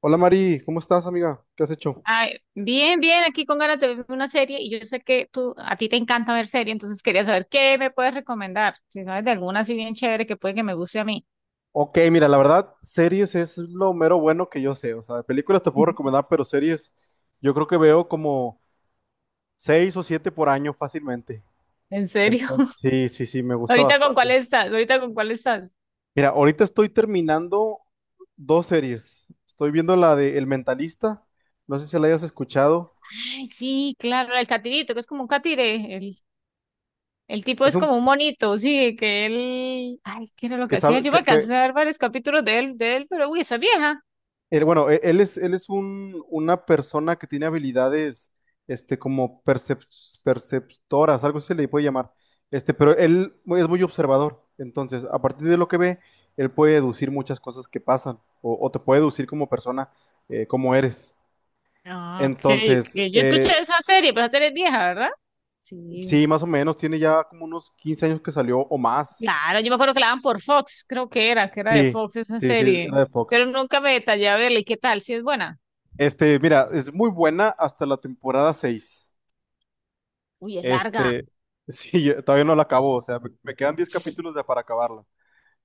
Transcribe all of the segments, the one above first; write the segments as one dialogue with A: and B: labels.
A: Hola Mari, ¿cómo estás, amiga? ¿Qué has hecho?
B: Ay, bien, bien, aquí con ganas de ver una serie y yo sé que tú, a ti te encanta ver serie, entonces quería saber qué me puedes recomendar, si sabes de alguna así bien chévere que puede que me guste a mí.
A: Ok, mira, la verdad, series es lo mero bueno que yo sé. O sea, de películas te puedo recomendar, pero series yo creo que veo como seis o siete por año fácilmente.
B: ¿En serio?
A: Entonces, sí, sí, sí, me gusta
B: ¿Ahorita con cuál
A: bastante.
B: estás? ¿Ahorita con cuál estás?
A: Mira, ahorita estoy terminando dos series. Estoy viendo la de El Mentalista, no sé si la hayas escuchado.
B: Ay, sí, claro, el catirito, que es como un catire, el tipo
A: Es
B: es
A: un
B: como un monito, sí, que él, ay, ¿qué era lo
A: que
B: que hacía?
A: sabe
B: Yo me alcancé a ver varios capítulos de él, pero uy, esa es vieja.
A: Él, bueno, él es un, una persona que tiene habilidades, como perceptoras, algo así se le puede llamar. Pero él es muy observador. Entonces, a partir de lo que ve, él puede deducir muchas cosas que pasan o te puede deducir como persona, cómo eres.
B: Ah, ok,
A: Entonces,
B: ok, yo escuché esa serie, pero esa serie es vieja, ¿verdad? Sí.
A: sí, más o menos, tiene ya como unos 15 años que salió o más.
B: Claro, yo me acuerdo que la daban por Fox, creo que era de
A: Sí,
B: Fox esa
A: sí, sí,
B: serie.
A: era de Fox.
B: Pero nunca me detallé a verla. ¿Y qué tal? ¿Si es buena?
A: Mira, es muy buena hasta la temporada 6.
B: Uy, es larga.
A: Este, sí, yo todavía no la acabo, o sea, me quedan 10 capítulos para acabarla.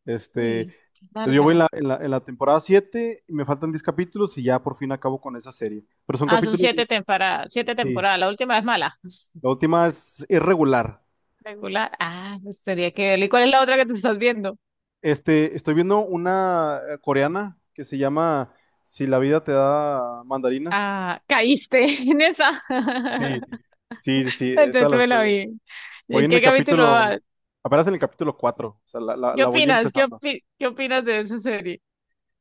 A: Este,
B: Uy, qué
A: pues yo voy en
B: larga.
A: la temporada 7 y me faltan 10 capítulos y ya por fin acabo con esa serie. Pero son
B: Ah, son
A: capítulos
B: siete temporadas, siete
A: sí,
B: temporadas. La última es mala.
A: la última es irregular.
B: Regular. Ah, pues tenía que verla. ¿Y cuál es la otra que tú estás viendo?
A: Estoy viendo una coreana que se llama Si la vida te da mandarinas.
B: Ah, caíste en esa.
A: Sí, sí, sí, sí,
B: Entonces
A: esa
B: tú
A: la
B: me
A: estoy
B: la
A: viendo.
B: vi. ¿Y
A: Voy
B: en
A: en el
B: qué capítulo vas?
A: capítulo, apenas en el capítulo cuatro, o sea, la, la
B: ¿Qué
A: la voy
B: opinas?
A: empezando.
B: ¿Qué opinas de esa serie?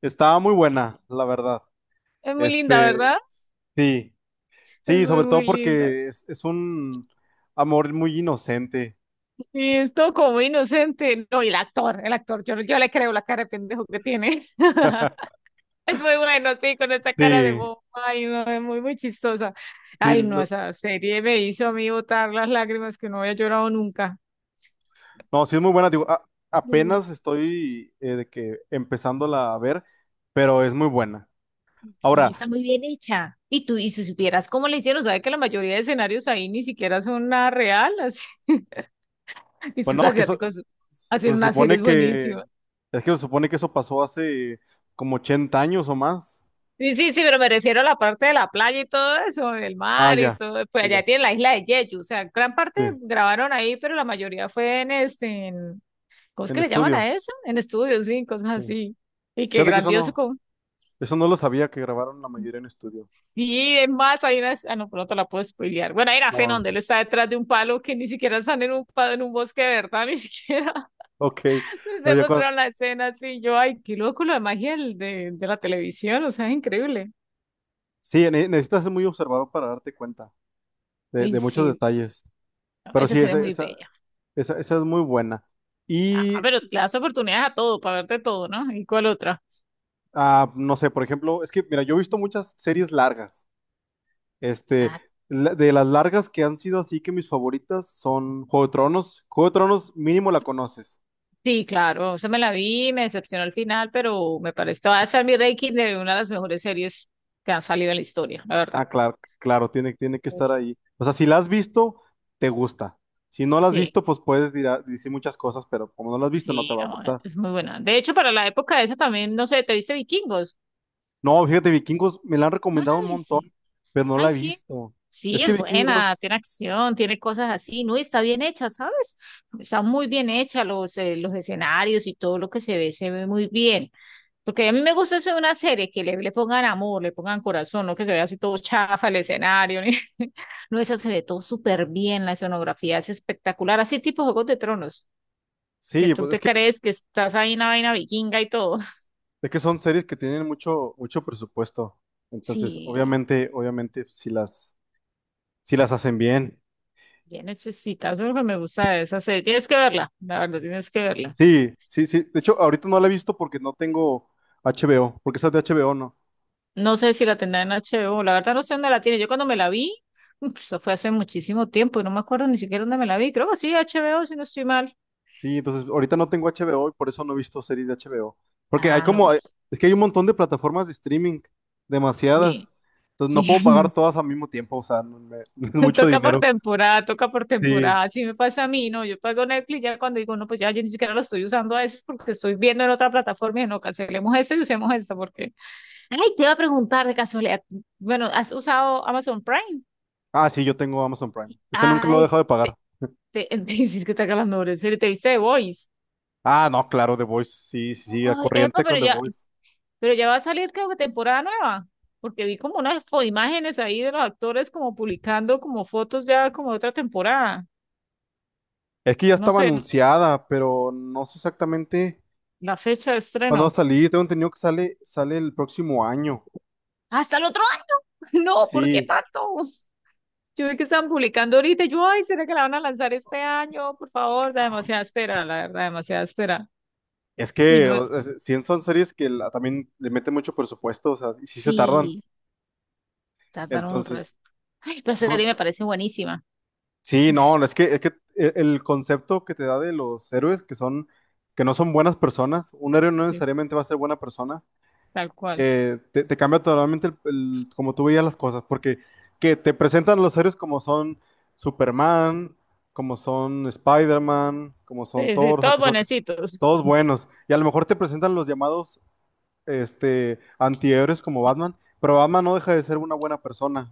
A: Estaba muy buena, la verdad.
B: Es muy linda,
A: Este,
B: ¿verdad?
A: Sí,
B: Es
A: sí,
B: muy,
A: sobre
B: muy
A: todo
B: linda.
A: porque es un amor muy inocente.
B: Y es todo como inocente. No, y el actor, yo, le creo la cara de pendejo que tiene. Es muy bueno, sí, con esta cara de
A: Sí,
B: bobo. Ay, no, es muy, muy chistosa.
A: sí,
B: Ay, no, esa serie me hizo a mí botar las lágrimas que no había llorado nunca.
A: no, sí es muy buena. Digo,
B: Yo
A: apenas estoy de que empezándola a ver, pero es muy buena.
B: Sí, está
A: Ahora,
B: muy bien hecha. Y tú, y si supieras cómo le hicieron, sabes que la mayoría de escenarios ahí ni siquiera son nada real. Así, esos
A: bueno, es que eso,
B: asiáticos hacen
A: pues, se
B: unas series
A: supone que,
B: buenísimas.
A: es que se supone que eso pasó hace como 80 años o más.
B: Sí, sí, sí, pero me refiero a la parte de la playa y todo eso, el
A: Ah,
B: mar y
A: ya,
B: todo. Pues
A: ya, ya,
B: allá tiene la isla de Jeju, o sea, gran parte
A: sí,
B: grabaron ahí, pero la mayoría fue en, ¿cómo es
A: en
B: que le llaman
A: estudio.
B: a eso? En estudios, sí, cosas
A: Sí.
B: así. Y qué
A: Fíjate que
B: grandioso. Como...
A: eso no lo sabía que grabaron la mayoría en estudio.
B: Sí, es más, hay una, ah, no, pronto la puedo spoilear. Bueno, hay una escena
A: No,
B: donde él está detrás de un palo, que ni siquiera están en un palo, en un bosque de verdad, ni siquiera
A: ok.
B: se
A: Oye,
B: mostraron la escena así. Yo, ay, qué loco la magia de la televisión, o sea, es increíble.
A: sí, necesitas ser muy observador para darte cuenta de,
B: Ay,
A: de muchos
B: sí, no,
A: detalles. Pero
B: esa
A: sí,
B: serie es
A: esa,
B: muy
A: esa,
B: bella.
A: esa, esa es muy buena.
B: Ah,
A: Y
B: pero le das oportunidades a todo, para verte todo, ¿no? ¿Y cuál otra?
A: no sé, por ejemplo, es que, mira, yo he visto muchas series largas. Este,
B: Ah,
A: de las largas que han sido así que mis favoritas son Juego de Tronos. Juego de Tronos, mínimo la conoces.
B: sí, claro, eso me la vi, me decepcionó al final, pero me parece que va a ser mi ranking de una de las mejores series que han salido en la historia, la verdad.
A: Ah, claro, claro, tiene que estar
B: Ese-
A: ahí. O sea, si la has visto, te gusta. Si no la has
B: Sí,
A: visto, pues puedes decir muchas cosas, pero como no la has visto, no te
B: sí,
A: va a
B: no,
A: gustar.
B: es muy buena. De hecho, para la época esa también, no sé, ¿te viste Vikingos?
A: No, fíjate, Vikingos me la han
B: No
A: recomendado un
B: la viste.
A: montón, pero no
B: Ay,
A: la he
B: sí.
A: visto.
B: Sí,
A: Es que
B: es buena,
A: Vikingos,
B: tiene acción, tiene cosas así, ¿no? Y está bien hecha, ¿sabes? Está muy bien hecha, los escenarios y todo lo que se ve muy bien. Porque a mí me gusta eso de una serie, que le pongan amor, le pongan corazón, no que se vea así todo chafa el escenario. No, esa se ve todo súper bien, la escenografía es espectacular, así tipo Juegos de Tronos, que
A: sí,
B: tú
A: pues es
B: te
A: que,
B: crees que estás ahí en una vaina vikinga y todo.
A: es que son series que tienen mucho, mucho presupuesto. Entonces,
B: Sí,
A: obviamente, obviamente, si las hacen bien.
B: bien necesitas, eso es lo que me gusta de esa serie. Tienes que verla, la verdad, tienes que verla.
A: Sí, sí, sí. De hecho, ahorita no la he visto porque no tengo HBO, porque esa es de HBO, ¿no?
B: No sé si la tendrá en HBO, la verdad no sé dónde la tiene. Yo cuando me la vi, uf, eso fue hace muchísimo tiempo y no me acuerdo ni siquiera dónde me la vi. Creo que sí, HBO, si no estoy mal.
A: Sí, entonces ahorita no tengo HBO y por eso no he visto series de HBO. Porque hay
B: Ah, no.
A: como,
B: No.
A: es que hay un montón de plataformas de streaming, demasiadas.
B: Sí,
A: Entonces
B: sí.
A: no puedo pagar todas al mismo tiempo, o sea, no me- es mucho
B: Toca por
A: dinero.
B: temporada, toca por
A: Sí.
B: temporada. Así me pasa a mí, ¿no? Yo pago Netflix ya cuando digo, no, pues ya yo ni siquiera lo estoy usando a veces porque estoy viendo en otra plataforma y no, cancelemos eso y usemos esta porque... Ay, te iba a preguntar de casualidad. Bueno, ¿has usado Amazon Prime?
A: Ah, sí, yo tengo Amazon Prime. Ese nunca lo he
B: Ay,
A: dejado de
B: te,
A: pagar.
B: me dices que te haga las mejores series. ¿Te viste The Voice?
A: Ah, no, claro, The Voice. Sí, sí, sí, a
B: Ay, epa,
A: corriente con The Voice.
B: pero ya va a salir creo que temporada nueva. Porque vi como imágenes ahí de los actores como publicando como fotos ya como de otra temporada.
A: Es que ya
B: No
A: estaba
B: sé,
A: anunciada, pero no sé exactamente
B: la fecha de
A: cuándo va a
B: estreno.
A: salir. Tengo entendido que sale el próximo año.
B: Hasta el otro año. No, ¿por qué
A: Sí.
B: tanto? Yo vi que estaban publicando ahorita. Y yo, ay, ¿será que la van a lanzar este año? Por favor, da demasiada espera, la verdad, demasiada espera.
A: Es
B: Y
A: que
B: no,
A: sí son series que también le meten mucho presupuesto, o sea, y sí se tardan.
B: sí, tardaron un
A: Entonces,
B: resto. Ay, pero esa
A: yo
B: serie me
A: creo
B: parece buenísima.
A: sí, no, es que el concepto que te da de los héroes que son, que no son buenas personas, un héroe no
B: Sí,
A: necesariamente va a ser buena persona,
B: tal cual.
A: te cambia totalmente como tú veías las cosas, porque que te presentan los héroes como son Superman, como son Spider-Man, como son
B: Sí, sí,
A: Thor, o sea,
B: todos
A: que son
B: bonecitos.
A: todos buenos. Y a lo mejor te presentan los llamados antihéroes como Batman, pero Batman no deja de ser una buena persona.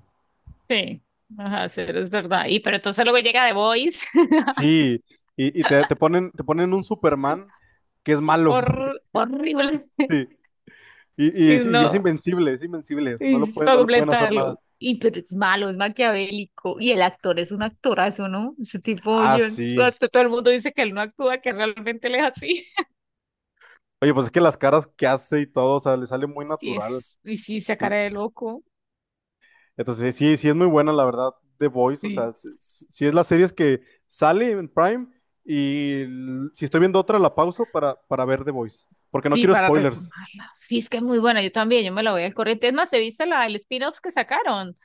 B: Sí, ajá, sí, es verdad. Y pero entonces luego llega The Voice,
A: Sí, y te ponen un Superman que es malo.
B: horrible.
A: Sí, y, y
B: Y
A: es y es
B: no,
A: invencible, es invencible, no lo
B: y
A: pueden,
B: para
A: no lo pueden hacer
B: completarlo.
A: nada.
B: Y pero es malo, es maquiavélico. Y el actor es un actorazo, ¿no? Ese tipo,
A: Ah,
B: yo,
A: sí.
B: hasta todo el mundo dice que él no actúa, que realmente él es así.
A: Oye, pues es que las caras que hace y todo, o sea, le sale muy
B: Sí,
A: natural.
B: es, y sí, esa cara
A: Sí.
B: de loco.
A: Entonces, sí, sí es muy buena, la verdad, The Voice. O sea,
B: Sí.
A: sí, sí es las series que sale en Prime y si estoy viendo otra, la pauso para ver The Voice. Porque no
B: Sí,
A: quiero
B: para
A: spoilers.
B: retomarla. Sí, es que es muy buena. Yo también, yo me la voy al corriente. Es más, he visto la, el spin-off que sacaron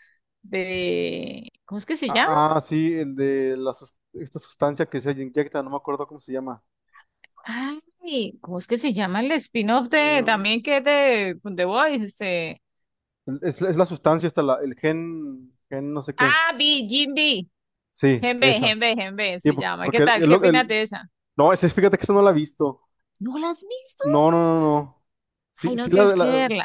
B: de. ¿Cómo es que se llama?
A: Sí, el de la, esta sustancia que se inyecta, no me acuerdo cómo se llama.
B: Ay, ¿cómo es que se llama el spin-off de también que es de The Voice? Este...
A: Es la sustancia, esta, la, el gen no sé qué.
B: Ah, B, Jim B.
A: Sí,
B: Genbe,
A: esa.
B: Genbe, Genbe
A: Sí,
B: se llama. ¿Qué tal? ¿Qué opinas de esa?
A: no, ese, fíjate que esa no la he visto.
B: ¿No la has visto?
A: No, no, no, no. Sí,
B: Ay,
A: sí,
B: no, tienes que verla.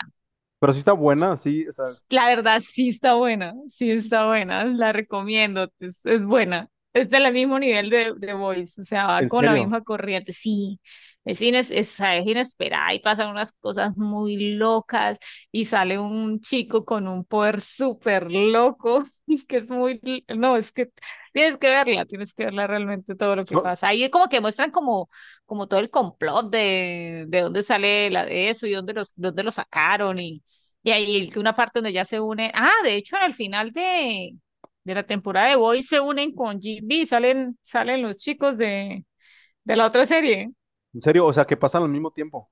A: pero sí está buena, sí, o sea,
B: La verdad, sí está buena, la recomiendo, es buena. Es del mismo nivel de Voice, o sea, va
A: en
B: con la
A: serio.
B: misma corriente, sí. Es, es inesperada y pasan unas cosas muy locas y sale un chico con un poder súper loco, que es muy, no, es que tienes que verla realmente todo lo que
A: So-
B: pasa. Ahí como que muestran como, como todo el complot de dónde sale la, eso y dónde los, dónde lo sacaron y ahí una parte donde ya se une. Ah, de hecho, al final de la temporada de Boy se unen con GB, salen, salen los chicos de la otra serie.
A: en serio, o sea, que pasan al mismo tiempo.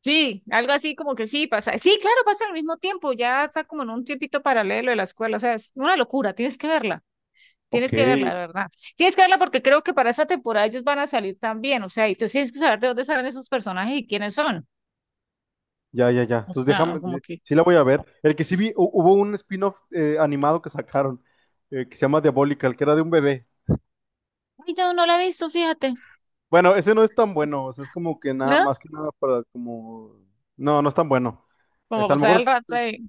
B: Sí, algo así como que sí pasa. Sí, claro, pasa al mismo tiempo, ya está como en un tiempito paralelo de la escuela. O sea, es una locura, tienes que verla.
A: Ok,
B: Tienes que verla, de verdad. Tienes que verla porque creo que para esa temporada ellos van a salir también. O sea, y tú tienes que saber de dónde salen esos personajes y quiénes son.
A: ya, ya, ya.
B: O
A: Entonces
B: sea,
A: déjame, sí,
B: como que.
A: sí la voy a ver. El que sí vi, hubo un spin-off animado que sacaron, que se llama Diabolical, que era de un bebé.
B: Ay, yo no la he visto, fíjate.
A: Bueno, ese no es tan bueno, o sea, es como que nada,
B: ¿No?
A: más que nada para como. No, no es tan bueno.
B: Como
A: Está, a lo
B: pasar
A: mejor
B: el rato de.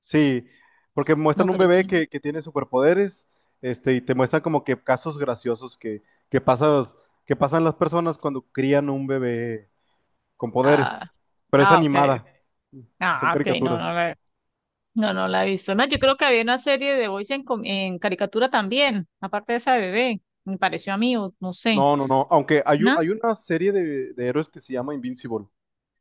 A: sí, porque
B: No,
A: muestran un
B: pero
A: bebé
B: Jim.
A: que tiene superpoderes, y te muestran como que casos graciosos que pasas- que pasan las personas cuando crían un bebé con
B: Ah,
A: poderes. Pero es
B: ah, ok.
A: animada, son
B: Ah, ok,
A: caricaturas.
B: no, no la he visto. Además, yo creo que había una serie de Voice en, en caricatura también, aparte de esa de bebé, me pareció a mí, o no sé,
A: No, no, no, aunque hay, u-
B: ¿no?
A: hay una serie de héroes que se llama Invincible.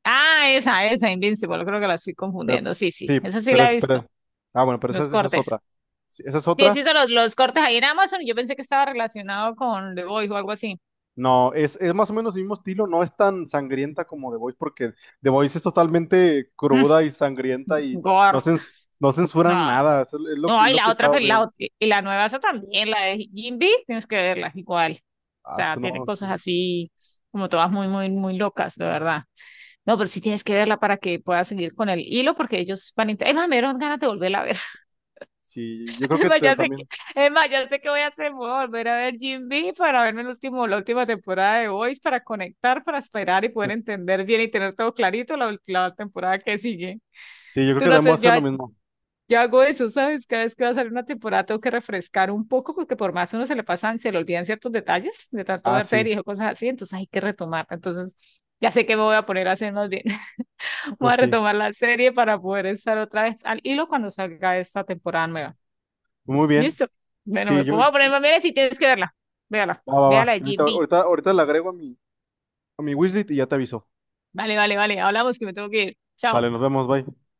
B: Ah, esa, Invincible, creo que la estoy
A: Pe-
B: confundiendo. Sí, sí,
A: sí,
B: esa sí
A: pero
B: la he
A: espera.
B: visto,
A: Ah, bueno, pero
B: los
A: esa es
B: cortes.
A: otra. Sí, esa es
B: Sí, he
A: otra.
B: visto los cortes ahí en Amazon, y yo pensé que estaba relacionado con The Voice o algo así.
A: No, es más o menos el mismo estilo, no es tan sangrienta como The Voice, porque The Voice es totalmente
B: Mm,
A: cruda y sangrienta y
B: Gore,
A: no censuran
B: no,
A: nada, es, es lo, es
B: no, y
A: lo
B: la
A: que
B: otra,
A: está
B: pues,
A: bien.
B: y la nueva esa también, la de Jim, tienes que verla, igual.
A: Ah,
B: Sea, tiene
A: no,
B: cosas
A: sí,
B: así como todas muy, muy, muy locas, de verdad. No, pero sí tienes que verla para que puedas seguir con el hilo, porque ellos van a... Es más, me dieron ganas de volverla a ver.
A: sí, yo creo
B: Es
A: que
B: más, ya sé que,
A: también,
B: es más, ya sé que voy a hacer, voy a volver a ver Jim B para verme el último, la última temporada de Voice, para conectar, para esperar y poder entender bien y tener todo clarito la, la temporada que sigue.
A: sí, yo creo
B: Tú
A: que
B: no
A: también voy a
B: haces,
A: hacer
B: ya,
A: lo mismo.
B: yo hago eso, ¿sabes? Cada vez que va a salir una temporada tengo que refrescar un poco porque por más uno se le pasan, se le olvidan ciertos detalles de tanto
A: Ah,
B: ver
A: sí,
B: series o cosas así, entonces hay que retomar. Entonces ya sé que me voy a poner a hacer más bien. Voy
A: pues
B: a
A: sí,
B: retomar la serie para poder estar otra vez al hilo cuando salga esta temporada nueva.
A: muy bien,
B: ¿Listo? Bueno,
A: sí,
B: me
A: yo,
B: pongo a poner más bien si tienes que verla. Véala,
A: va, va, va,
B: véala de
A: ahorita,
B: Jim B.
A: ahorita, ahorita le agrego a mi wishlist y ya te aviso.
B: Vale, vale, vale. Hablamos que me tengo que ir.
A: Vale,
B: Chao.
A: nos vemos, bye.